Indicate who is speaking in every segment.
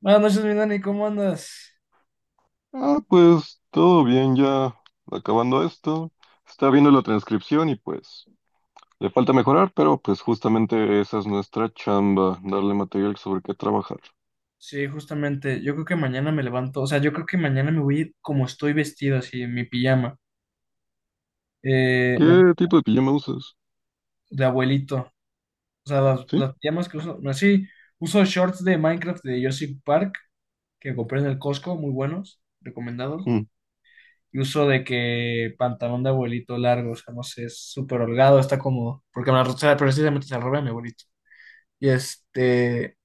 Speaker 1: Buenas noches, mi Dani, ¿cómo andas?
Speaker 2: Ah, pues todo bien, ya acabando esto. Está viendo la transcripción y pues le falta mejorar, pero pues justamente esa es nuestra chamba, darle material sobre qué trabajar.
Speaker 1: Sí, justamente, yo creo que mañana me levanto, o sea, yo creo que mañana me voy a ir como estoy vestido, así, en mi pijama, eh, me-
Speaker 2: ¿Qué tipo de pijama usas?
Speaker 1: de abuelito, o sea, las,
Speaker 2: ¿Sí?
Speaker 1: las pijamas que uso, así, uso shorts de Minecraft de Jurassic Park, que compré en el Costco, muy buenos, recomendados,
Speaker 2: Mm.
Speaker 1: y uso de que pantalón de abuelito largo, o sea, no sé, es súper holgado, está cómodo, porque me la, o sea, precisamente se la robé a mi abuelito, y este,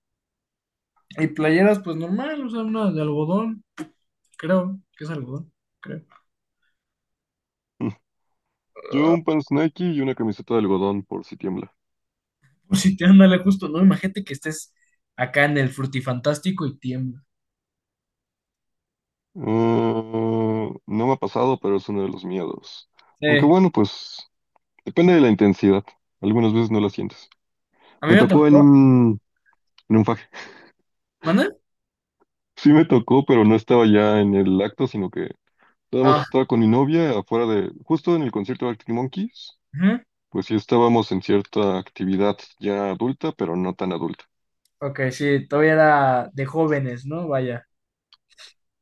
Speaker 1: y playeras, pues normal, o sea, una de algodón, creo que es algodón, creo.
Speaker 2: Mm. Yo un pants Nike y una camiseta de algodón por si tiembla.
Speaker 1: Pues sí, te ándale justo, ¿no? Imagínate que estés acá en el frutifantástico y tiembla.
Speaker 2: Ah, no me ha pasado, pero es uno de los miedos. Aunque
Speaker 1: Sí.
Speaker 2: bueno, pues depende de la intensidad. Algunas veces no la sientes.
Speaker 1: A mí
Speaker 2: Me
Speaker 1: me
Speaker 2: tocó en
Speaker 1: tocó.
Speaker 2: en un faje.
Speaker 1: ¿Manda?
Speaker 2: Sí me tocó, pero no estaba ya en el acto, sino que nada más
Speaker 1: Ah,
Speaker 2: estaba con mi novia afuera de, justo en el concierto de Arctic Monkeys,
Speaker 1: ujú.
Speaker 2: pues sí estábamos en cierta actividad ya adulta, pero no tan adulta.
Speaker 1: Ok, sí, todavía era de jóvenes, ¿no? Vaya.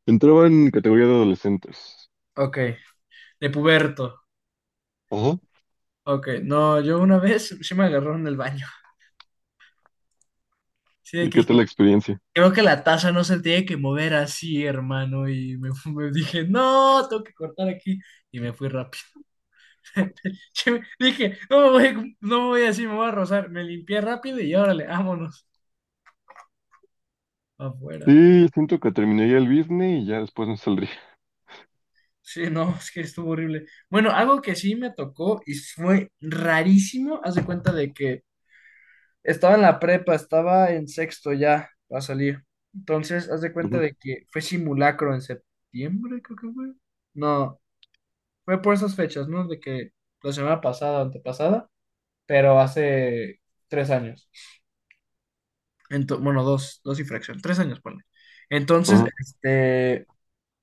Speaker 2: Entraba en categoría de adolescentes.
Speaker 1: Ok. De puberto.
Speaker 2: Ajá.
Speaker 1: Ok. No, yo una vez sí me agarró en el baño. Sí, de
Speaker 2: ¿Y
Speaker 1: que
Speaker 2: qué
Speaker 1: dije,
Speaker 2: tal la experiencia?
Speaker 1: creo que la taza no se tiene que mover así, hermano. Me dije, no, tengo que cortar aquí. Y me fui rápido. Yo dije, no me voy, no me voy así, me voy a rozar. Me limpié rápido y órale, vámonos afuera.
Speaker 2: Sí, siento que terminaría el business y ya después me saldría.
Speaker 1: Sí, no, es que estuvo horrible. Bueno, algo que sí me tocó y fue rarísimo, haz de cuenta de que estaba en la prepa, estaba en sexto ya a salir. Entonces, haz de cuenta
Speaker 2: Ujú.
Speaker 1: de que fue simulacro en septiembre, creo que fue. No, fue por esas fechas, ¿no? De que la semana pasada, antepasada, pero hace tres años. Bueno, dos y fracción, tres años, ponle. Entonces,
Speaker 2: Ajá.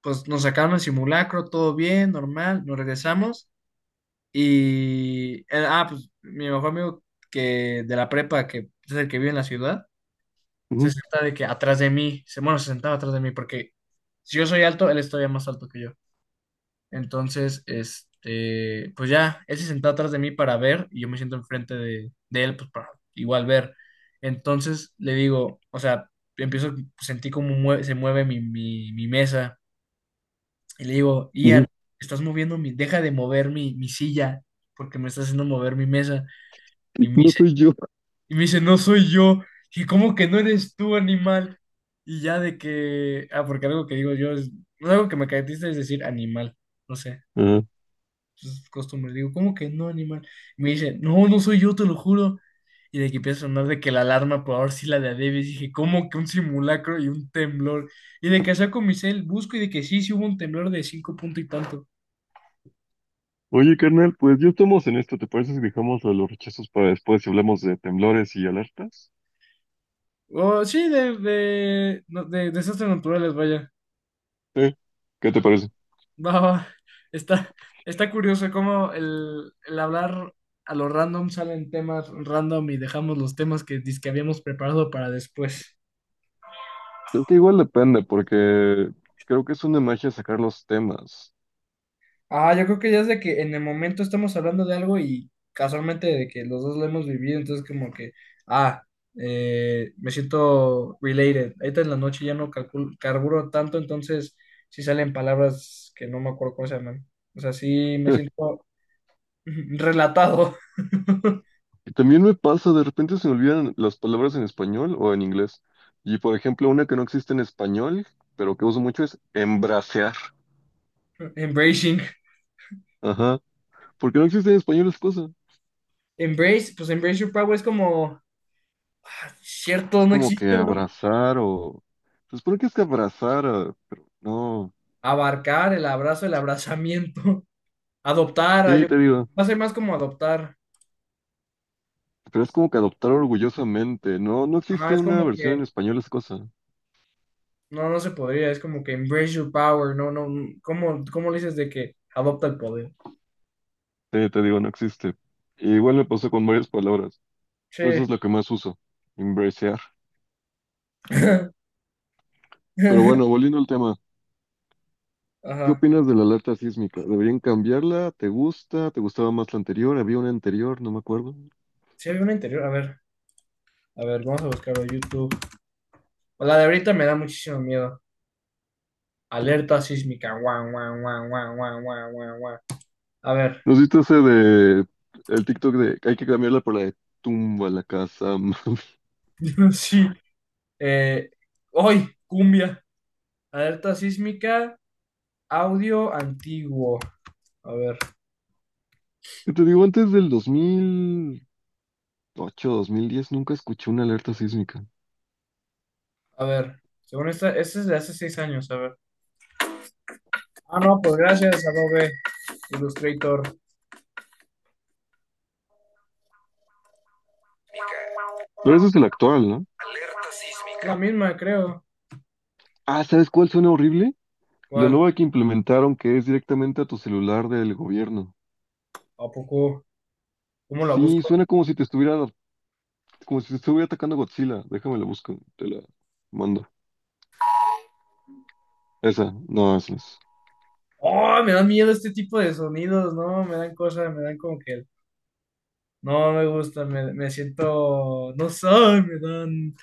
Speaker 1: pues nos sacaron el simulacro, todo bien, normal, nos regresamos y pues mi mejor amigo que de la prepa, que es el que vive en la ciudad, se
Speaker 2: Ujú,
Speaker 1: senta de que atrás de mí, se, bueno, se sentaba atrás de mí porque si yo soy alto, él es todavía más alto que yo. Entonces, pues ya, él se sentó atrás de mí para ver y yo me siento enfrente de él, pues para igual ver. Entonces le digo, o sea, empiezo, se mueve mi mesa y le digo, Ian,
Speaker 2: ujú.
Speaker 1: estás moviendo mi, deja de mover mi silla porque me estás haciendo mover mi mesa. Y me
Speaker 2: No
Speaker 1: dice,
Speaker 2: soy yo.
Speaker 1: y me dice, no soy yo. Y cómo que no eres tú, animal. Y ya de que, ah, porque algo que digo yo es, algo que me caracteriza es decir animal, no sé.
Speaker 2: Ajá.
Speaker 1: Sus costumbres. Digo, ¿cómo que no, animal? Y me dice, no, no soy yo, te lo juro. Y de que empieza a sonar de que la alarma, por ahora sí la de a Davis. Dije, ¿cómo que un simulacro y un temblor? Y de que saco mi cel, busco y de que sí, sí hubo un temblor de cinco punto y tanto.
Speaker 2: Oye, carnal, pues ya estamos en esto. ¿Te parece si dejamos lo de los rechazos para después y hablamos de temblores y alertas?
Speaker 1: Oh, sí, no, de desastres naturales, vaya.
Speaker 2: Sí. ¿Qué te parece?
Speaker 1: Va, va. Está, está curioso cómo el hablar a lo random salen temas random y dejamos los temas que habíamos preparado para después.
Speaker 2: Es que igual depende, porque creo que es una magia sacar los temas.
Speaker 1: Ah, yo creo que ya es de que en el momento estamos hablando de algo y casualmente de que los dos lo hemos vivido, entonces como que, ah, me siento related. Ahorita en la noche ya no calculo, carburo tanto, entonces sí salen palabras que no me acuerdo cómo se llaman. O sea, sí me siento relatado.
Speaker 2: Y también me pasa, de repente se me olvidan las palabras en español o en inglés. Y por ejemplo, una que no existe en español, pero que uso mucho es embracear.
Speaker 1: Embracing.
Speaker 2: Ajá. Porque no existe en español esa cosa.
Speaker 1: Embrace, pues embrace your power es como, ah, cierto,
Speaker 2: Es
Speaker 1: no
Speaker 2: como que
Speaker 1: existe, ¿verdad?
Speaker 2: abrazar o… Se supone que es que abrazar, ah, pero no.
Speaker 1: Abarcar, el abrazo, el abrazamiento. Adoptar,
Speaker 2: Sí, te digo.
Speaker 1: va a ser más como adoptar.
Speaker 2: Pero es como que adoptar orgullosamente. No, no
Speaker 1: Ajá,
Speaker 2: existe
Speaker 1: es
Speaker 2: una
Speaker 1: como
Speaker 2: versión en
Speaker 1: que,
Speaker 2: español esa cosa.
Speaker 1: no, no se podría, es como que embrace your power, no, no, mm, ¿cómo, cómo le dices de que adopta el poder?
Speaker 2: Sí, te digo, no existe. Igual me pasó con varias palabras.
Speaker 1: Sí.
Speaker 2: Pues eso es lo que más uso, embracear. Pero bueno, volviendo al tema, ¿qué
Speaker 1: Ajá.
Speaker 2: opinas de la alerta sísmica? ¿Deberían cambiarla? ¿Te gusta? ¿Te gustaba más la anterior? ¿Había una anterior? No me acuerdo.
Speaker 1: Sí, había una interior, a ver, vamos a buscarlo en YouTube. La de ahorita me da muchísimo miedo. Alerta sísmica, guau, guau, guau, guau, guau, guau, guau, guau. A ver,
Speaker 2: ¿Nos viste ese de el TikTok de que hay que cambiarla por la de tumba la casa?
Speaker 1: sí, eh, hoy, cumbia. Alerta sísmica, audio antiguo. A ver,
Speaker 2: Que te digo, antes del 2008, 2010 nunca escuché una alerta sísmica.
Speaker 1: a ver, según esta, este es de hace seis años, a ver. Ah, no, pues gracias, Adobe. Illustrator.
Speaker 2: Pero ese es el actual, ¿no?
Speaker 1: La misma, creo.
Speaker 2: Ah, ¿sabes cuál suena horrible? La
Speaker 1: ¿Cuál?
Speaker 2: nueva que implementaron que es directamente a tu celular del gobierno.
Speaker 1: ¿A poco? ¿Cómo la
Speaker 2: Sí,
Speaker 1: busco?
Speaker 2: suena como si te estuviera… como si estuviera atacando a Godzilla. Déjame la busco, te la mando. Esa, no, esa es.
Speaker 1: ¡Oh! Me dan miedo este tipo de sonidos, ¿no? Me dan cosas, me dan como que. No me gusta, me siento. No sé, me dan.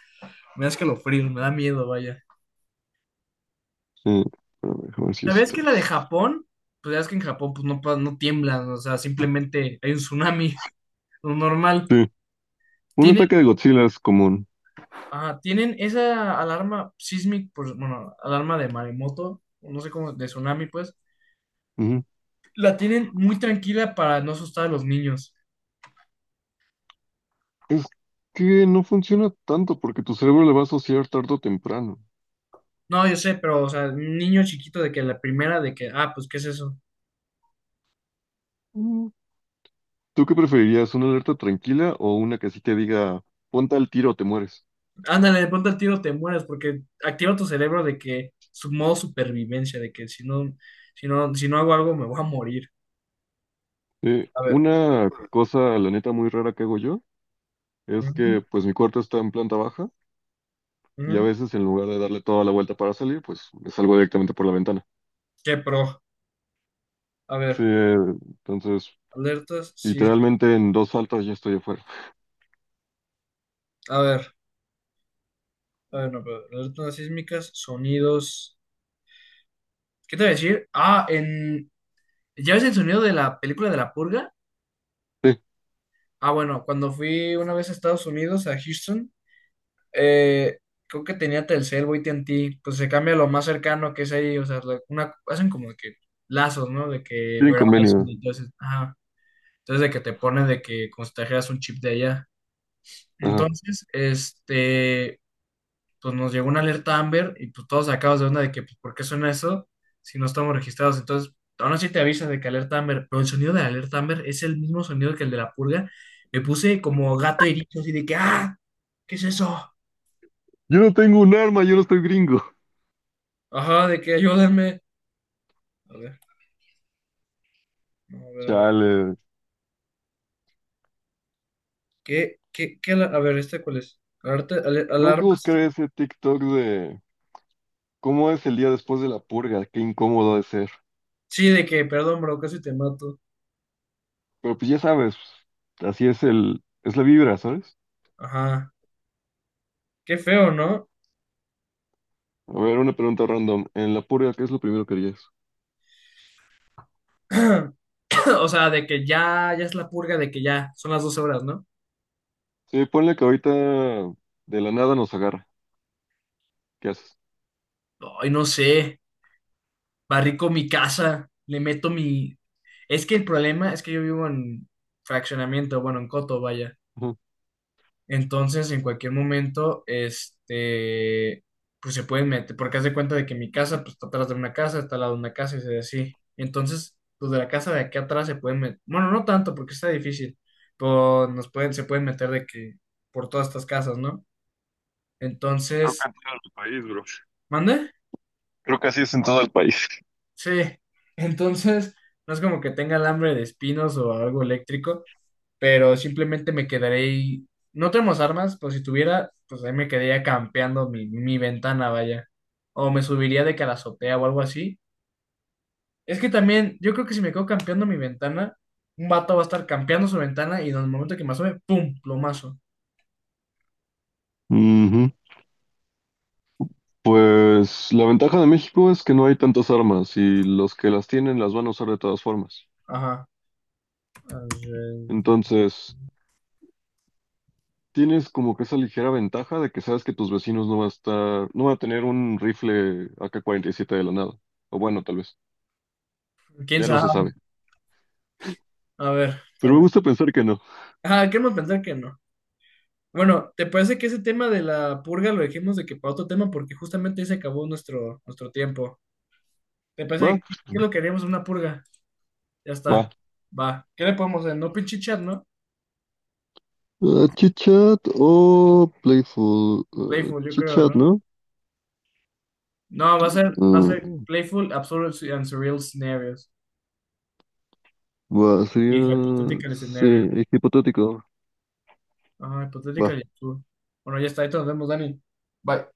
Speaker 1: Me da escalofrío, me da miedo, vaya.
Speaker 2: Sí, pero déjame ver si
Speaker 1: ¿Sabías
Speaker 2: esto
Speaker 1: que la de
Speaker 2: es.
Speaker 1: Japón? Pues ya es que en Japón pues no, no tiemblan, o sea, simplemente hay un tsunami, lo normal.
Speaker 2: Sí, un
Speaker 1: Tienen,
Speaker 2: ataque de Godzilla es común.
Speaker 1: tienen esa alarma sísmica, pues, bueno, alarma de maremoto, no sé cómo, de tsunami, pues,
Speaker 2: Ujú.
Speaker 1: la tienen muy tranquila para no asustar a los niños.
Speaker 2: Es que no funciona tanto porque tu cerebro le va a asociar tarde o temprano.
Speaker 1: No, yo sé, pero, o sea, un niño chiquito de que la primera de que, ah, pues, ¿qué es eso?
Speaker 2: Mm. ¿Tú qué preferirías, una alerta tranquila o una que así te diga, ponte al tiro o te mueres?
Speaker 1: Ándale, de pronto al tiro te mueres porque activa tu cerebro de que su modo supervivencia, de que si no, si no hago algo me voy a morir. A ver.
Speaker 2: Una cosa, la neta, muy rara que hago yo es
Speaker 1: Ujú,
Speaker 2: que pues mi cuarto está en planta baja y a
Speaker 1: ujú.
Speaker 2: veces en lugar de darle toda la vuelta para salir, pues me salgo directamente por la ventana.
Speaker 1: Qué pro. A
Speaker 2: Sí,
Speaker 1: ver,
Speaker 2: entonces,
Speaker 1: alertas sísmicas.
Speaker 2: literalmente en dos faltas ya estoy afuera.
Speaker 1: A ver, a ver, no, pero alertas sísmicas, sonidos. ¿Qué te voy a decir? Ah, en... ¿Ya ves el sonido de la película de la purga?
Speaker 2: Sí,
Speaker 1: Ah, bueno, cuando fui una vez a Estados Unidos, a Houston, eh, creo que tenía Telcel o AT&T, pues se cambia lo más cercano que es ahí, o sea, una, hacen como de que lazos, ¿no? De que
Speaker 2: bien
Speaker 1: Verizon,
Speaker 2: convenio.
Speaker 1: entonces, ajá, entonces de que te pone de que como si te trajeras un chip de allá.
Speaker 2: Ajá.
Speaker 1: Entonces, pues nos llegó una alerta Amber y pues todos sacados de onda de que, pues, ¿por qué suena eso si no estamos registrados? Entonces, aún así te avisan de que alerta Amber, pero el sonido de la alerta Amber es el mismo sonido que el de la purga. Me puse como gato herido, así de que, ¡ah! ¿Qué es eso?
Speaker 2: Yo no tengo un arma, yo no estoy gringo.
Speaker 1: Ajá, de que ayúdenme. A ver, no, a ver, a ver.
Speaker 2: Chale.
Speaker 1: A ver, ¿este cuál es?
Speaker 2: Tengo que
Speaker 1: Alarma. Sí.
Speaker 2: buscar ese TikTok de cómo es el día después de la purga, qué incómodo ha de ser.
Speaker 1: Sí, de que, perdón, bro, casi te mato.
Speaker 2: Pero pues ya sabes, así es es la vibra, ¿sabes?
Speaker 1: Ajá. Qué feo, ¿no?
Speaker 2: A ver, una pregunta random. En la purga, ¿qué es lo primero que harías?
Speaker 1: O sea, de que ya es la purga, de que ya son las 12 horas, ¿no?
Speaker 2: Sí, ponle que ahorita de la nada nos agarra. ¿Qué haces?
Speaker 1: Ay, no sé. Barrico mi casa, le meto mi... Es que el problema es que yo vivo en fraccionamiento, bueno, en coto, vaya.
Speaker 2: Ujú.
Speaker 1: Entonces, en cualquier momento, pues se pueden meter, porque haz de cuenta de que mi casa, pues está atrás de una casa, está al lado de una casa, y se así. Entonces, los de la casa de aquí atrás se pueden meter, bueno, no tanto, porque está difícil, pero nos pueden, se pueden meter de que por todas estas casas, ¿no? Entonces, ¿mande?
Speaker 2: Es en todo el país.
Speaker 1: Sí. Entonces, no es como que tenga alambre de espinos o algo eléctrico, pero simplemente me quedaré ahí. No tenemos armas, pues si tuviera, pues ahí me quedaría campeando mi ventana, vaya. O me subiría de que a la azotea o algo así. Es que también, yo creo que si me quedo campeando mi ventana, un vato va a estar campeando su ventana y en el momento que me asome, ¡pum! Plomazo.
Speaker 2: Ujú. Pues la ventaja de México es que no hay tantas armas y los que las tienen las van a usar de todas formas.
Speaker 1: Ajá. A ver,
Speaker 2: Entonces, tienes como que esa ligera ventaja de que sabes que tus vecinos no va a estar, no va a tener un rifle AK-47 de la nada. O bueno, tal vez,
Speaker 1: ¿quién
Speaker 2: ya no
Speaker 1: sabe?
Speaker 2: se sabe.
Speaker 1: A ver,
Speaker 2: Pero me
Speaker 1: dame.
Speaker 2: gusta pensar que no.
Speaker 1: Ajá, queremos pensar que no. Bueno, ¿te parece que ese tema de la purga lo dejemos de que para otro tema? Porque justamente ahí se acabó nuestro tiempo. ¿Te parece
Speaker 2: Va,
Speaker 1: que qué es lo que haríamos en una purga? Ya
Speaker 2: va.
Speaker 1: está. Va. ¿Qué le podemos hacer? No pinche chat, ¿no? No,
Speaker 2: Ah, chit o playful. Ah,
Speaker 1: Playful, yo creo,
Speaker 2: chitchat,
Speaker 1: ¿no?
Speaker 2: ¿no?
Speaker 1: No, va a ser
Speaker 2: Ah,
Speaker 1: Playful, Absurd and Surreal Scenarios.
Speaker 2: va, sería,
Speaker 1: Y Hypothetical
Speaker 2: sí,
Speaker 1: Scenarios.
Speaker 2: es hipotético.
Speaker 1: Ah,
Speaker 2: Va.
Speaker 1: Hypothetical y absurd. Bueno, ya está. Ahí te nos vemos, Dani. Bye.